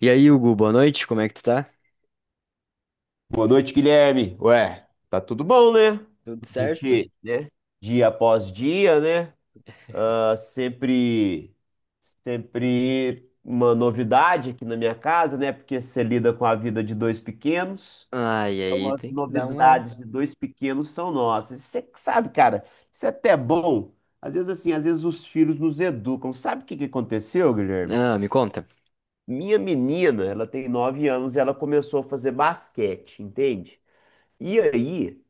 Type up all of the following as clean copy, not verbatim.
E aí, Hugo, boa noite, como é que tu tá? Boa noite, Guilherme. Ué, tá tudo bom, né? Tudo A certo? gente, né? Dia após dia, né? Ah, sempre uma novidade aqui na minha casa, né? Porque você lida com a vida de dois pequenos. Ah, e Então, aí as tem que dar uma. novidades de dois pequenos são nossas. Você que sabe, cara, isso é até bom. Às vezes, assim, às vezes os filhos nos educam. Sabe o que que aconteceu, Guilherme? Ah, me conta. Minha menina, ela tem 9 anos e ela começou a fazer basquete, entende? E aí,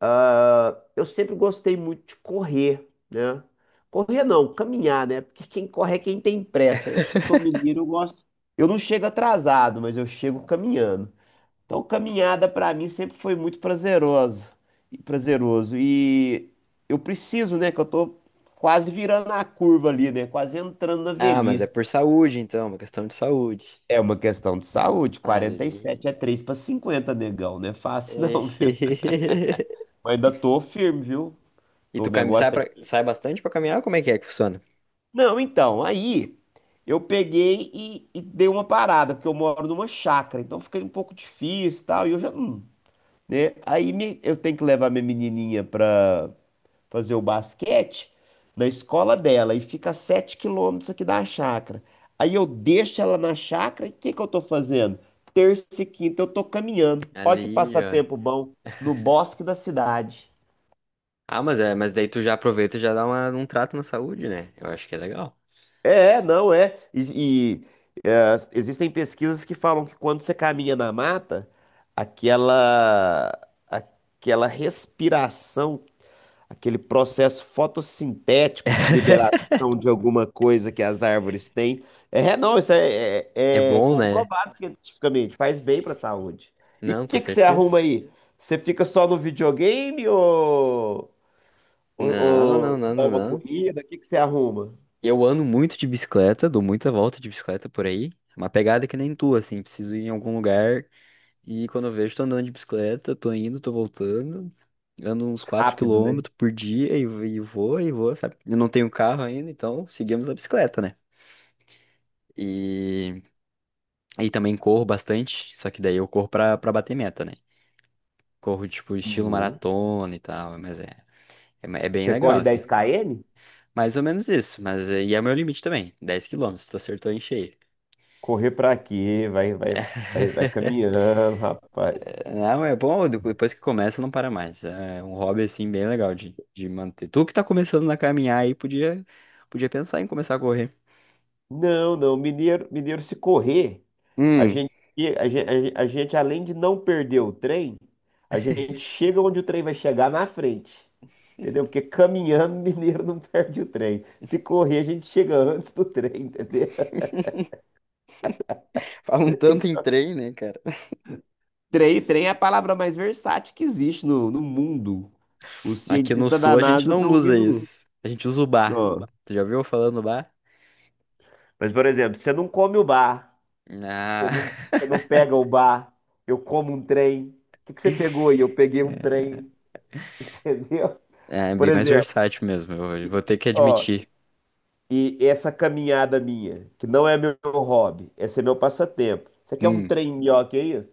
ah, eu sempre gostei muito de correr, né? Correr não, caminhar, né? Porque quem corre é quem tem pressa. Eu sou mineiro, eu gosto. Eu não chego atrasado, mas eu chego caminhando. Então, caminhada pra mim sempre foi muito prazeroso e prazeroso. E eu preciso, né? Que eu tô quase virando a curva ali, né? Quase entrando na Ah, mas é velhice. por saúde, então, uma questão de saúde. É uma questão de saúde. Ali. 47 é 3 para 50, negão, não é fácil É. não, viu? Mas ainda tô firme, viu? E O sai, negócio é. sai bastante pra caminhar? Como é que funciona? Não, então, aí eu peguei e dei uma parada, porque eu moro numa chácara, então fica um pouco difícil e tal, e eu já. Né? Eu tenho que levar minha menininha pra fazer o basquete na escola dela, e fica a 7 quilômetros aqui da chácara. Aí eu deixo ela na chácara, e o que que eu tô fazendo? Terça e quinta eu tô caminhando. Olha que Ali, ó. passatempo bom, no bosque da cidade. Ah, mas daí tu já aproveita e já dá um trato na saúde, né? Eu acho que é legal. É, não é. E, existem pesquisas que falam que quando você caminha na mata, aquela, aquela respiração, aquele processo fotossintético de liberação de alguma coisa que as árvores têm, é, não, isso é, É é- é bom, né? comprovado cientificamente, faz bem para a saúde. E o Não, com que que você certeza. arruma aí? Você fica só no videogame ou, Não, não, não, dá não, uma não. corrida? O que que você arruma? Eu ando muito de bicicleta, dou muita volta de bicicleta por aí. Uma pegada que nem tu, assim, preciso ir em algum lugar e quando eu vejo, tô andando de bicicleta, tô indo, tô voltando. Ando uns 4 Rápido, né? quilômetros por dia e vou, sabe? Eu não tenho carro ainda, então seguimos a bicicleta, né? E, e também corro bastante, só que daí eu corro pra bater meta, né? Corro, tipo, estilo Uhum. maratona e tal, mas é bem Você legal, corre assim. 10 km? Mais ou menos isso, mas é o meu limite também, 10 quilômetros tu acertou em cheio. Correr pra quê? Vai, vai, vai, vai caminhando, rapaz. Não, é bom, depois que começa não para mais. É um hobby assim bem legal de manter. Tu que tá começando a caminhar aí podia pensar em começar a correr. Não, não, mineiro, mineiro se correr, a Hum. gente, a gente, além de não perder o trem, a gente chega onde o trem vai chegar na frente. Entendeu? Porque caminhando, mineiro não perde o trem. Se correr, a gente chega antes do trem, entendeu? Falam tanto em trem, né, cara? Trem é a palavra mais versátil que existe no mundo. Os Aqui no cientistas sul da a gente NASA não estão usa vindo. isso. A gente usa o bar. Ó. Tu já ouviu falando do bar? Mas, por exemplo, você não come o bar. Você Ah. não, você não pega o bar, eu como um trem. O que que você pegou aí? Eu peguei um trem, entendeu? É Por bem mais exemplo, versátil mesmo, eu vou ter que ó, admitir. e essa caminhada minha, que não é meu hobby, esse é meu passatempo. Você quer um Hum. trem melhor que isso?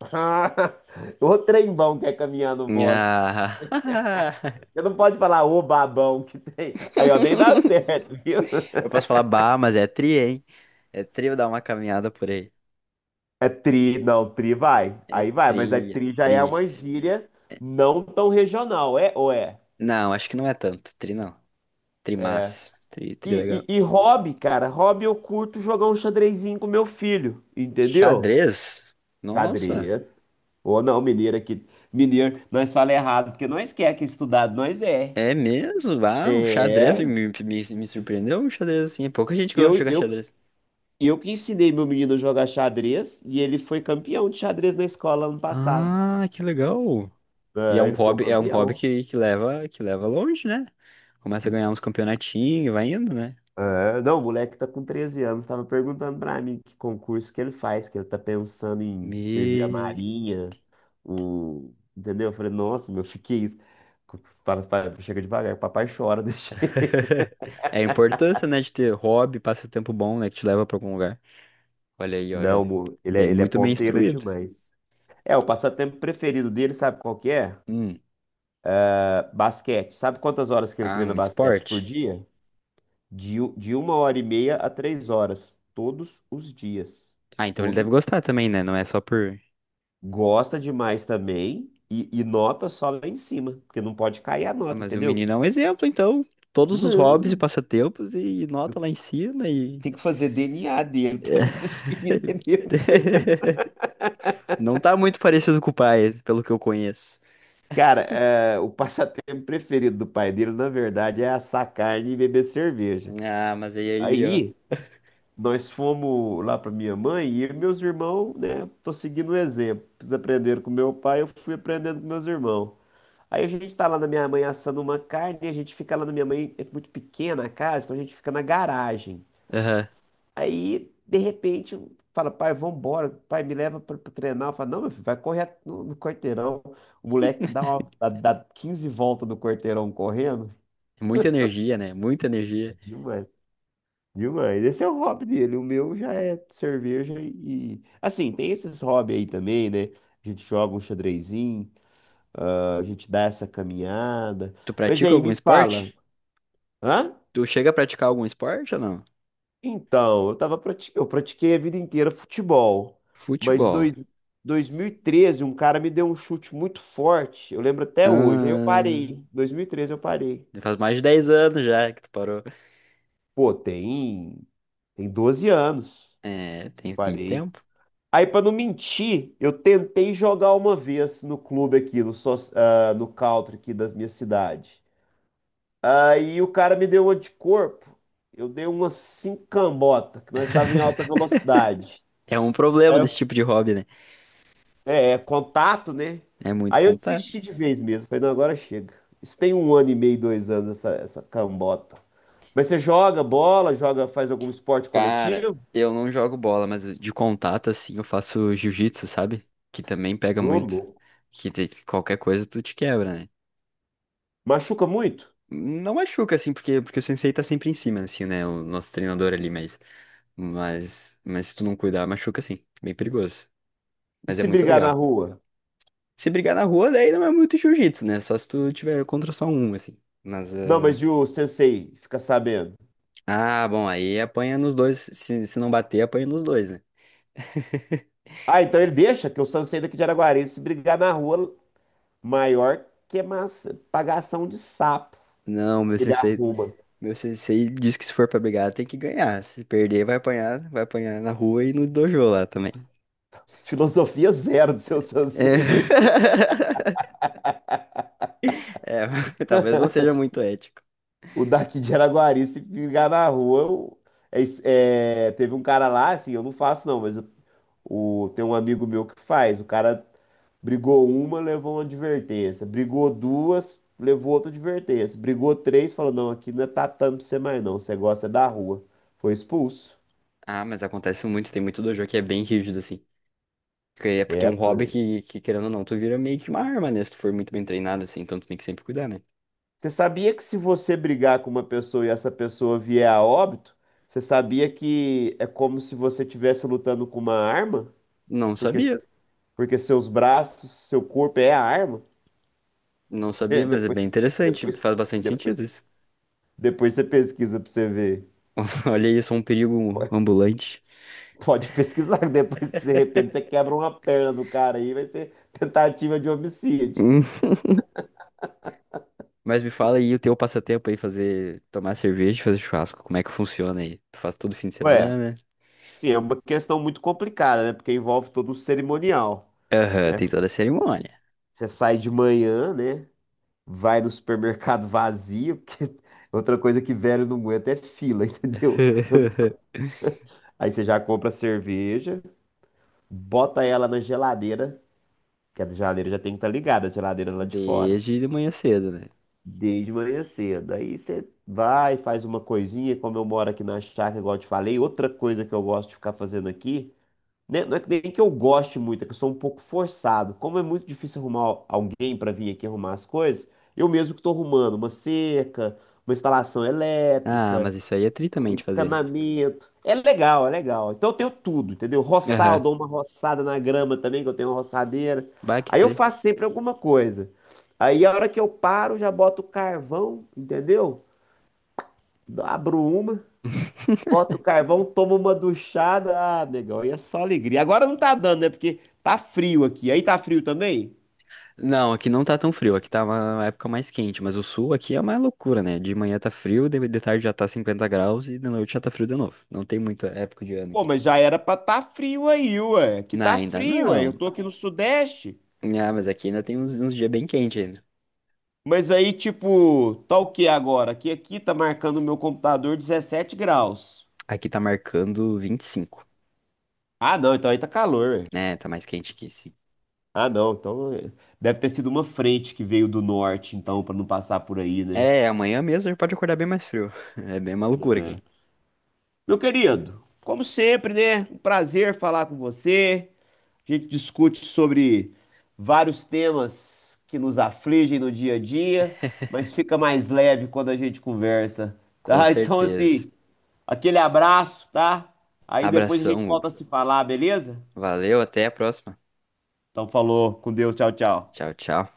O trem bom que é caminhar no bosque. Ah. Você não pode falar o babão que tem. Aí, ó, nem dá certo, viu? Eu posso falar bar, mas é tri, hein? É tri eu dar uma caminhada por aí. É tri, não, tri vai. É Aí vai, mas a tri, é tri já é tri. uma gíria não tão regional, é ou é? Não, acho que não é tanto. Tri não. É. Trimás. Tri, tri legal. E, hobby, cara, hobby eu curto jogar um xadrezinho com meu filho, entendeu? Xadrez? Nossa, Xadrez. Ou não, mineiro aqui. Mineiro, nós fala errado, porque nós quer que estudado, nós é. é mesmo? Ah, o xadrez É. me surpreendeu. O xadrez, assim, é pouca gente que gosta de Eu, jogar eu, xadrez. eu que ensinei meu menino a jogar xadrez e ele foi campeão de xadrez na escola ano passado. Ah, que legal. E é É, um ele foi o hobby, é um hobby campeão. que leva longe, né? Começa a ganhar uns campeonatinhos, vai indo, né? É, não, o moleque tá com 13 anos, tava perguntando pra mim que concurso que ele faz, que ele tá pensando em servir a Me... Marinha, entendeu? Eu falei, nossa, meu, fiquei isso. Para, para, chega devagar, papai chora desse jeito. É a importância, né, de ter hobby, passatempo bom, né, que te leva pra algum lugar. Olha aí, ó, já Não, ele é, muito bem ponteira instruído. demais. É, o passatempo preferido dele, sabe qual que é? Hum. Ah, basquete. Sabe quantas horas que ele Ah, treina um basquete por esporte? dia? De uma hora e meia a 3 horas, todos os dias. Ah, então ele deve gostar também, né? Não é só por. Gosta demais também e nota só lá em cima, porque não pode cair a Ah, nota, mas o entendeu? menino é um exemplo, então. Todos os hobbies e Não, passatempos e nota lá em cima e. tem que fazer DNA dele pra ver se esse menino é meu mesmo. Não tá muito parecido com o pai, pelo que eu conheço. Cara, é, o passatempo preferido do pai dele, na verdade, é assar carne e beber cerveja. Ah, mas aí, ó. Aí, nós fomos lá pra minha mãe e eu e meus irmãos, né, tô seguindo o exemplo. Eles aprenderam com meu pai, eu fui aprendendo com meus irmãos. Aí a gente tá lá na minha mãe assando uma carne, e a gente fica lá na minha mãe, é muito pequena a casa, então a gente fica na garagem. Aham. Aí, de repente, fala, pai, vambora, pai, me leva pra, treinar. Eu falo, não, meu filho, vai correr no quarteirão. O moleque dá 15 voltas do quarteirão correndo. Muita energia, né? Muita energia. Demais, demais. Esse é o hobby dele, o meu já é cerveja e... Assim, tem esses hobbies aí também, né? A gente joga um xadrezinho, ah, a gente dá essa caminhada. Tu Mas pratica aí, algum me fala, esporte? hã? Tu chega a praticar algum esporte ou não? Então, eu pratiquei a vida inteira futebol, mas Futebol. 2013 um cara me deu um chute muito forte, eu lembro até hoje. Aí eu Ah, parei. 2013 eu parei. faz mais de 10 anos já que tu parou. Pô, tem 12 anos. É, Eu tem parei. tempo? Aí pra não mentir, eu tentei jogar uma vez no clube aqui, no country aqui da minha cidade. Aí o cara me deu uma de corpo. Eu dei uma cinco cambota que nós estávamos em alta velocidade. É um Aí problema eu desse tipo de hobby, né? É, contato, né? É muito Aí eu contato. desisti de vez mesmo. Falei, não, agora chega. Isso tem um ano e meio, dois anos, essa cambota. Mas você joga bola, joga, faz algum esporte Cara, coletivo? eu não jogo bola, mas de contato, assim, eu faço jiu-jitsu, sabe? Que também pega Ô, muito. louco. Qualquer coisa tu te quebra, né? Machuca muito? Não machuca, assim, porque o sensei tá sempre em cima, assim, né? O nosso treinador ali, mas. Mas se tu não cuidar, machuca, sim. Bem perigoso. E Mas é se muito brigar na legal. rua? Se brigar na rua, daí não é muito jiu-jitsu, né? Só se tu tiver contra só um, assim. Mas. Não, mas e o sensei fica sabendo? Ah, bom, aí apanha nos dois. Se não bater, apanha nos dois, né? Ah, então ele deixa que o sensei daqui de Araguari, se brigar na rua, maior que massa, pagação de sapo Não, meu que ele sensei. arruma. Meu sensei diz que se for pra brigar, tem que ganhar. Se perder, vai apanhar na rua e no dojo lá também. Filosofia zero do seu sensei. É, é talvez não seja muito ético. O daqui de Araguari, se ligar na rua, teve um cara lá, assim, eu não faço não, mas tem um amigo meu que faz. O cara brigou uma, levou uma advertência. Brigou duas, levou outra advertência. Brigou três, falou, não, aqui não é tatame pra você mais não, você gosta é da rua. Foi expulso. Ah, mas acontece muito, tem muito dojo que é bem rígido, assim. Porque é É, um pô. hobby que, querendo ou não, tu vira meio que uma arma, né? Se tu for muito bem treinado, assim, então tu tem que sempre cuidar, né? Você sabia que se você brigar com uma pessoa e essa pessoa vier a óbito, você sabia que é como se você estivesse lutando com uma arma? Não Porque, sabia, se- porque seus braços, seu corpo é a arma. não sabia, mas é Depois, bem interessante, depois, faz bastante depois, sentido isso. Depois você pesquisa pra você ver. Olha isso, é um perigo Po- ambulante. Pode pesquisar, depois de repente você quebra uma perna do cara aí, vai ser tentativa de homicídio. Mas me fala aí o teu passatempo aí, fazer, tomar cerveja e fazer churrasco. Como é que funciona aí? Tu faz todo fim de Ué, semana? sim, é uma questão muito complicada, né? Porque envolve todo o cerimonial, Aham, né? tem toda a cerimônia. Você sai de manhã, né? Vai no supermercado vazio, porque outra coisa que velho não aguenta é fila, entendeu? Aí você já compra cerveja, bota ela na geladeira, que a geladeira já tem que estar ligada, a geladeira lá de fora, Desde de manhã cedo, né? desde manhã cedo. Aí você vai, faz uma coisinha, como eu moro aqui na chácara, igual eu te falei, outra coisa que eu gosto de ficar fazendo aqui, né, não é que nem que eu goste muito, é que eu sou um pouco forçado. Como é muito difícil arrumar alguém para vir aqui arrumar as coisas, eu mesmo que estou arrumando uma cerca, uma instalação Ah, elétrica, mas isso aí é tri o também de fazer. encanamento. É legal, é legal. Então eu tenho tudo, entendeu? Roçar, eu Aham. dou uma roçada na grama também, que eu tenho uma roçadeira. Bah, que Aí eu tri. faço sempre alguma coisa. Aí a hora que eu paro, já boto o carvão, entendeu? Abro uma, boto o carvão, tomo uma duchada. Ah, negão, aí é só alegria. Agora não tá dando, né? Porque tá frio aqui. Aí tá frio também? Não, aqui não tá tão frio, aqui tá uma época mais quente, mas o sul aqui é uma loucura, né? De manhã tá frio, de tarde já tá 50 graus e de noite já tá frio de novo. Não tem muita época de ano Pô, aqui. mas já era pra tá frio aí, ué. Que Não, tá ainda frio, ué. Eu não. tô aqui no Sudeste. Ah, mas aqui ainda tem uns dias bem quentes ainda. Mas aí, tipo, tá o que agora? Que aqui tá marcando o meu computador 17 graus. Aqui tá marcando 25, Ah, não, então aí tá calor, velho. né? Tá mais quente aqui, sim. Ah, não, então é, deve ter sido uma frente que veio do norte, então, pra não passar por aí, né? É, amanhã mesmo a gente pode acordar bem mais frio. É bem uma loucura É. aqui. Meu querido, como sempre, né? Um prazer falar com você. A gente discute sobre vários temas que nos afligem no dia a dia, mas fica mais leve quando a gente conversa, Com tá? Então, certeza. assim, aquele abraço, tá? Aí depois a gente Abração, Hugo. volta a se falar, beleza? Valeu, até a próxima. Então falou, com Deus, tchau, tchau. Tchau, tchau.